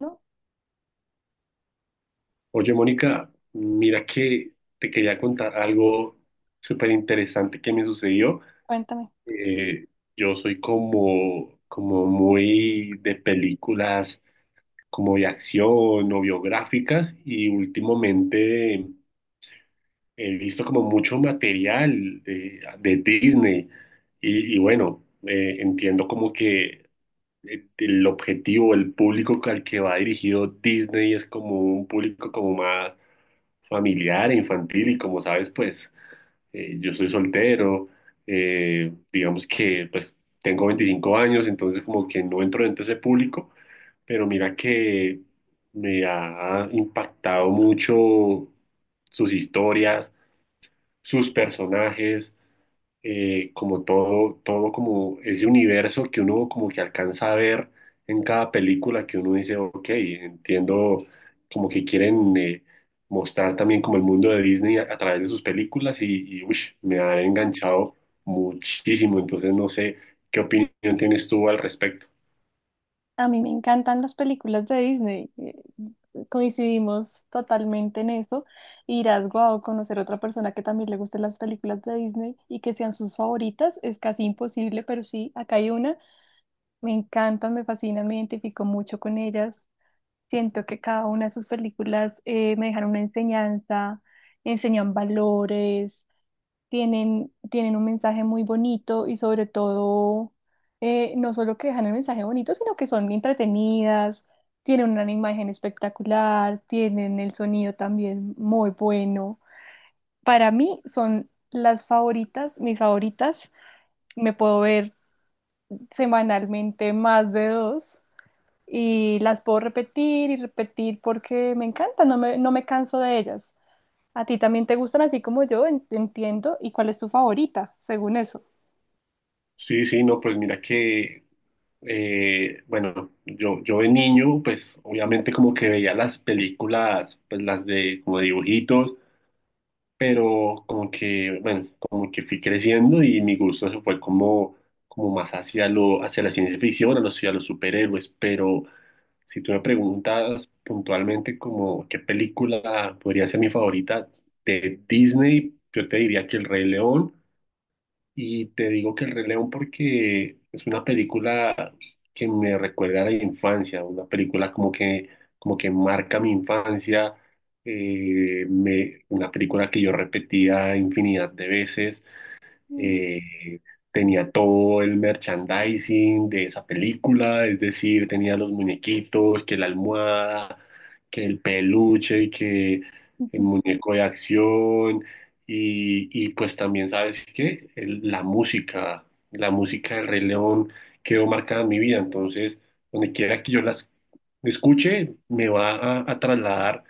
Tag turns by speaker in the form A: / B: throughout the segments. A: No,
B: Oye, Mónica, mira que te quería contar algo súper interesante que me sucedió.
A: cuéntame.
B: Eh, yo soy como muy de películas como de acción o biográficas, y últimamente he visto como mucho material de Disney y bueno, entiendo como que el objetivo, el público al que va dirigido Disney es como un público como más familiar e infantil y, como sabes, pues yo soy soltero. Digamos que pues tengo 25 años, entonces como que no entro dentro de ese público, pero mira que me ha impactado mucho sus historias, sus personajes, como todo como ese universo que uno como que alcanza a ver en cada película, que uno dice, ok, entiendo como que quieren mostrar también como el mundo de Disney a través de sus películas y uish, me ha enganchado muchísimo. Entonces no sé qué opinión tienes tú al respecto.
A: A mí me encantan las películas de Disney. Coincidimos totalmente en eso. Irás, guau, conocer a otra persona que también le gusten las películas de Disney y que sean sus favoritas es casi imposible, pero sí, acá hay una. Me encantan, me fascinan, me identifico mucho con ellas. Siento que cada una de sus películas me dejaron una enseñanza, enseñan valores. Tienen un mensaje muy bonito y sobre todo, no solo que dejan el mensaje bonito, sino que son entretenidas, tienen una imagen espectacular, tienen el sonido también muy bueno. Para mí son las favoritas, mis favoritas. Me puedo ver semanalmente más de dos y las puedo repetir y repetir porque me encantan, no me canso de ellas. ¿A ti también te gustan así como yo? Entiendo. ¿Y cuál es tu favorita, según eso?
B: Sí, sí, no, pues mira que, yo de niño, pues obviamente como que veía las películas, pues las de como dibujitos, pero como que, bueno, como que fui creciendo y mi gusto se fue como, como más hacia lo, hacia la ciencia ficción, a los superhéroes. Pero si tú me preguntas puntualmente como qué película podría ser mi favorita de Disney, yo te diría que El Rey León. Y te digo que El Rey León porque es una película que me recuerda a la infancia, una película como que marca mi infancia. Una película que yo repetía infinidad de veces.
A: Mm.
B: eh, Tenía todo el merchandising de esa película, es decir, tenía los muñequitos, que la almohada, que el peluche, que el
A: Ujú.
B: muñeco de acción. Y pues también, ¿sabes qué? La música, la música del Rey León quedó marcada en mi vida. Entonces, donde quiera que yo las escuche, me va a trasladar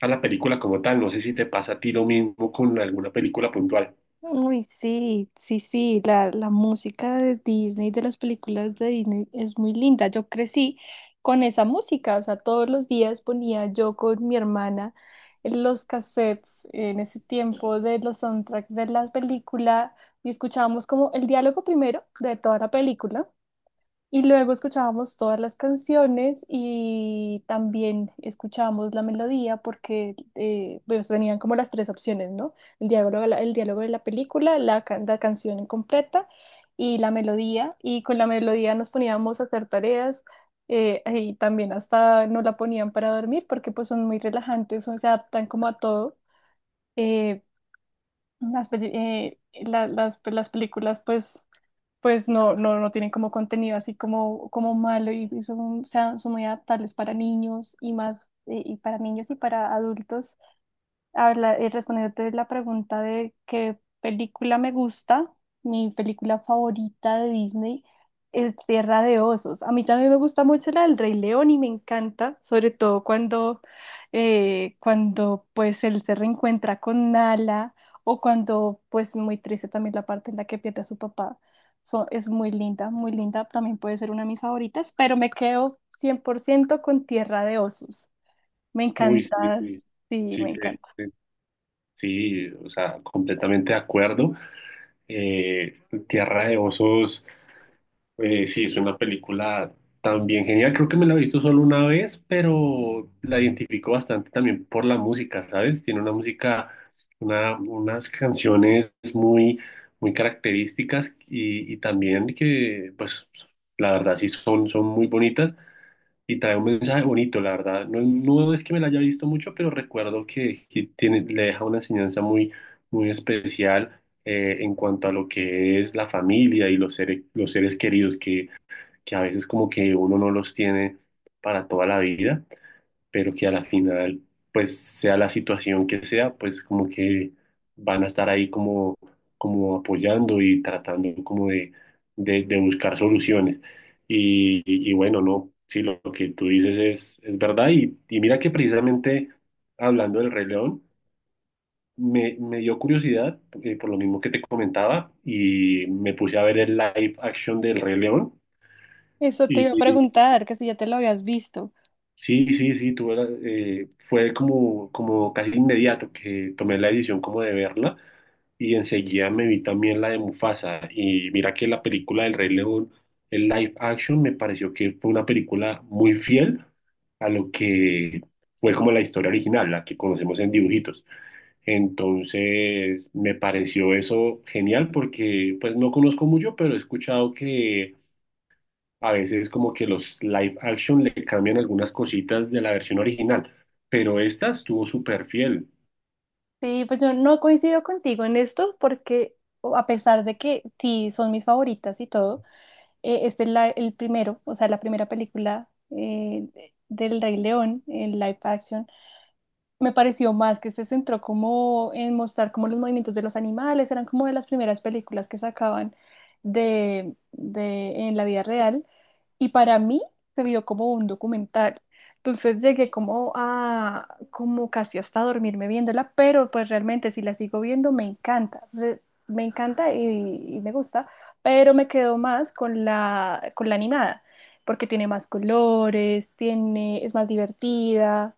B: a la película como tal. No sé si te pasa a ti lo mismo con alguna película puntual.
A: Uy, sí, sí, sí, la música de Disney, de las películas de Disney es muy linda. Yo crecí con esa música, o sea, todos los días ponía yo con mi hermana los cassettes en ese tiempo de los soundtracks de la película y escuchábamos como el diálogo primero de toda la película. Y luego escuchábamos todas las canciones y también escuchábamos la melodía porque pues venían como las tres opciones, ¿no? El diálogo, el diálogo de la película, la canción completa y la melodía. Y con la melodía nos poníamos a hacer tareas, y también hasta nos la ponían para dormir porque pues son muy relajantes, se adaptan como a todo. Eh, las, peli- la- las, pues, las películas pues no, no, no tienen como contenido así como, como malo y son, o sea, son muy adaptables para niños y más, y para niños y para adultos. Habla, respondiéndote la pregunta de qué película me gusta, mi película favorita de Disney es Tierra de Osos. A mí también me gusta mucho la del Rey León y me encanta, sobre todo cuando pues él se reencuentra con Nala o cuando pues muy triste también la parte en la que pierde a su papá. Es muy linda, también puede ser una de mis favoritas, pero me quedo 100% con Tierra de Osos. Me
B: Uy,
A: encanta,
B: sí, sí,
A: sí,
B: sí,
A: me encanta.
B: sí, o sea, completamente de acuerdo. Eh, Tierra de Osos, sí, es una película también genial. Creo que me la he visto solo una vez, pero la identifico bastante también por la música, ¿sabes? Tiene una música, unas canciones muy, muy características, y también que, pues, la verdad sí son, son muy bonitas. Y trae un mensaje bonito, la verdad. No, no es que me la haya visto mucho, pero recuerdo que tiene, le deja una enseñanza muy, muy especial en cuanto a lo que es la familia y los seres queridos que a veces como que uno no los tiene para toda la vida, pero que a la final, pues sea la situación que sea, pues como que van a estar ahí como, como apoyando y tratando como de buscar soluciones. Y bueno, no, sí, lo que tú dices es verdad. Y mira que precisamente hablando del Rey León, me dio curiosidad, por lo mismo que te comentaba, y me puse a ver el live action del Rey León.
A: Eso te iba a preguntar, que si ya te lo habías visto.
B: Sí, sí, sí, fue como, como casi inmediato que tomé la decisión como de verla, y enseguida me vi también la de Mufasa. Y mira que la película del Rey León, el live action, me pareció que fue una película muy fiel a lo que fue como la historia original, la que conocemos en dibujitos. Entonces me pareció eso genial, porque pues no conozco mucho, pero he escuchado a veces como que los live action le cambian algunas cositas de la versión original, pero esta estuvo súper fiel.
A: Sí, pues yo no coincido contigo en esto porque, o- a pesar de que sí son mis favoritas y todo, este es el primero, o sea, la primera película, del Rey León en live action. Me pareció más que se centró como en mostrar como los movimientos de los animales, eran como de las primeras películas que sacaban de en la vida real y para mí se vio como un documental. Entonces llegué como a, como casi hasta dormirme viéndola, pero pues realmente si la sigo viendo me encanta, me encanta y me gusta, pero me quedo más con la animada, porque tiene más colores, tiene, es más divertida,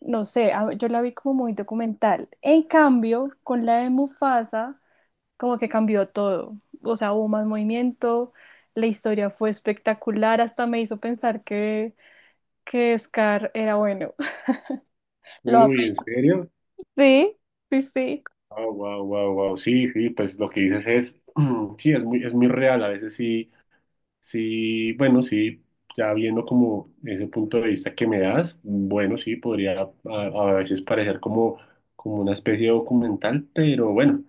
A: no sé, a- yo la vi como muy documental. En cambio, con la de Mufasa como que cambió todo. O sea, hubo más movimiento, la historia fue espectacular, hasta me hizo pensar que Scar era bueno. Lo amé.
B: Uy, ¿en serio?
A: Sí, sí, sí.
B: Wow, wow, wow, wow. Sí, sí, pues lo que dices es, sí, es muy real. A veces sí, sí, bueno, sí, ya viendo como ese punto de vista que me das, bueno, sí, podría a veces parecer como, como una especie de documental, pero bueno.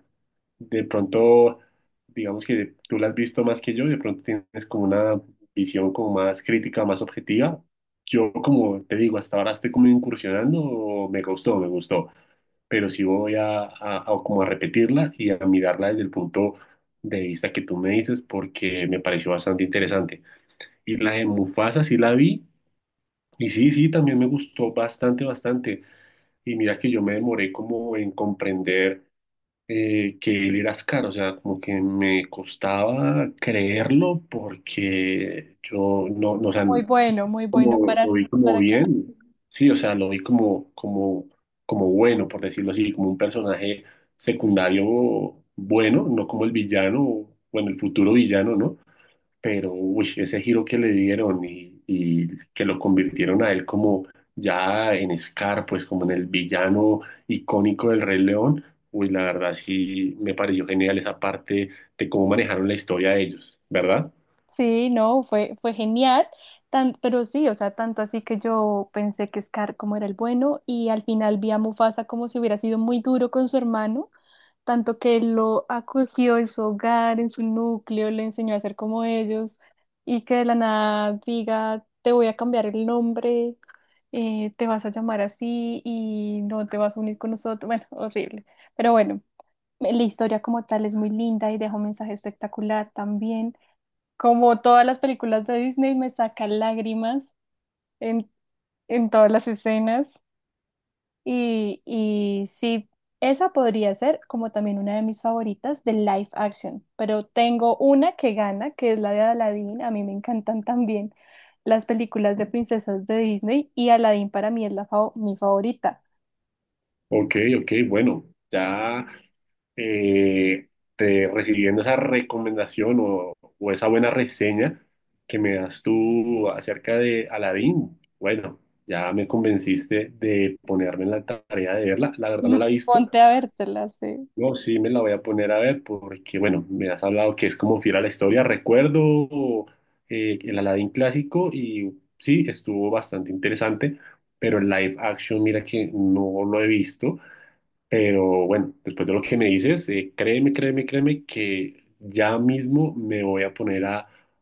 B: De pronto, digamos que tú la has visto más que yo, de pronto tienes como una visión como más crítica, más objetiva. Yo, como te digo, hasta ahora estoy como incursionando, me gustó, pero sí voy a como a repetirla y a mirarla desde el punto de vista que tú me dices, porque me pareció bastante interesante. Y la de Mufasa sí la vi, y sí, sí, también me gustó bastante, bastante. Y mira que yo me demoré como en comprender que él era Ascar, o sea, como que me costaba creerlo porque yo no, no, o sea,
A: Muy bueno, muy bueno
B: como,
A: para,
B: lo vi como
A: para que...
B: bien, sí, o sea, lo vi como, como, como bueno, por decirlo así, como un personaje secundario bueno, no como el villano, bueno, el futuro villano, ¿no? Pero uy, ese giro que le dieron, y que lo convirtieron a él como ya en Scar, pues como en el villano icónico del Rey León, uy, la verdad sí me pareció genial esa parte de cómo manejaron la historia de ellos, ¿verdad?
A: Sí, no, fue genial. Tan, pero sí, o sea, tanto así que yo pensé que Scar como era el bueno y al final vi a Mufasa como si hubiera sido muy duro con su hermano tanto que él lo acogió en su hogar, en su núcleo, le enseñó a ser como ellos, y que de la nada diga, te voy a cambiar el nombre, te vas a llamar así y no te vas a unir con nosotros. Bueno, horrible. Pero bueno, la historia como tal es muy linda y deja un mensaje espectacular también. Como todas las películas de Disney, me saca lágrimas en, en todas las escenas. Y sí, esa podría ser como también una de mis favoritas de live action, pero tengo una que gana, que es la de Aladdin. A mí me encantan también las películas de princesas de Disney y Aladdin para mí es mi favorita.
B: Ok, ok, bueno, ya eh, recibiendo esa recomendación o esa buena reseña que me das tú acerca de Aladdin, bueno, ya me convenciste de ponerme en la tarea de verla. La verdad no la
A: Mm.
B: he visto.
A: Ponte a vértela, sí.
B: No, sí me la voy a poner a ver porque, bueno, me has hablado que es como fiel a la historia. Recuerdo el Aladdin clásico, y sí, estuvo bastante interesante, pero el live action, mira que no lo he visto. Pero bueno, después de lo que me dices, créeme, créeme, créeme que ya mismo me voy a poner a,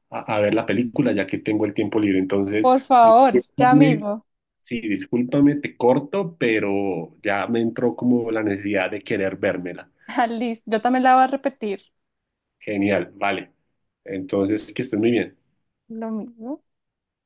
B: a- a ver la película ya que tengo el tiempo libre. Entonces,
A: Por favor, ya
B: discúlpame,
A: mismo.
B: sí, discúlpame, te corto, pero ya me entró como la necesidad de querer vérmela.
A: Ah, listo, yo también la voy a repetir.
B: Genial, vale. Entonces, que estés muy bien.
A: Lo mismo.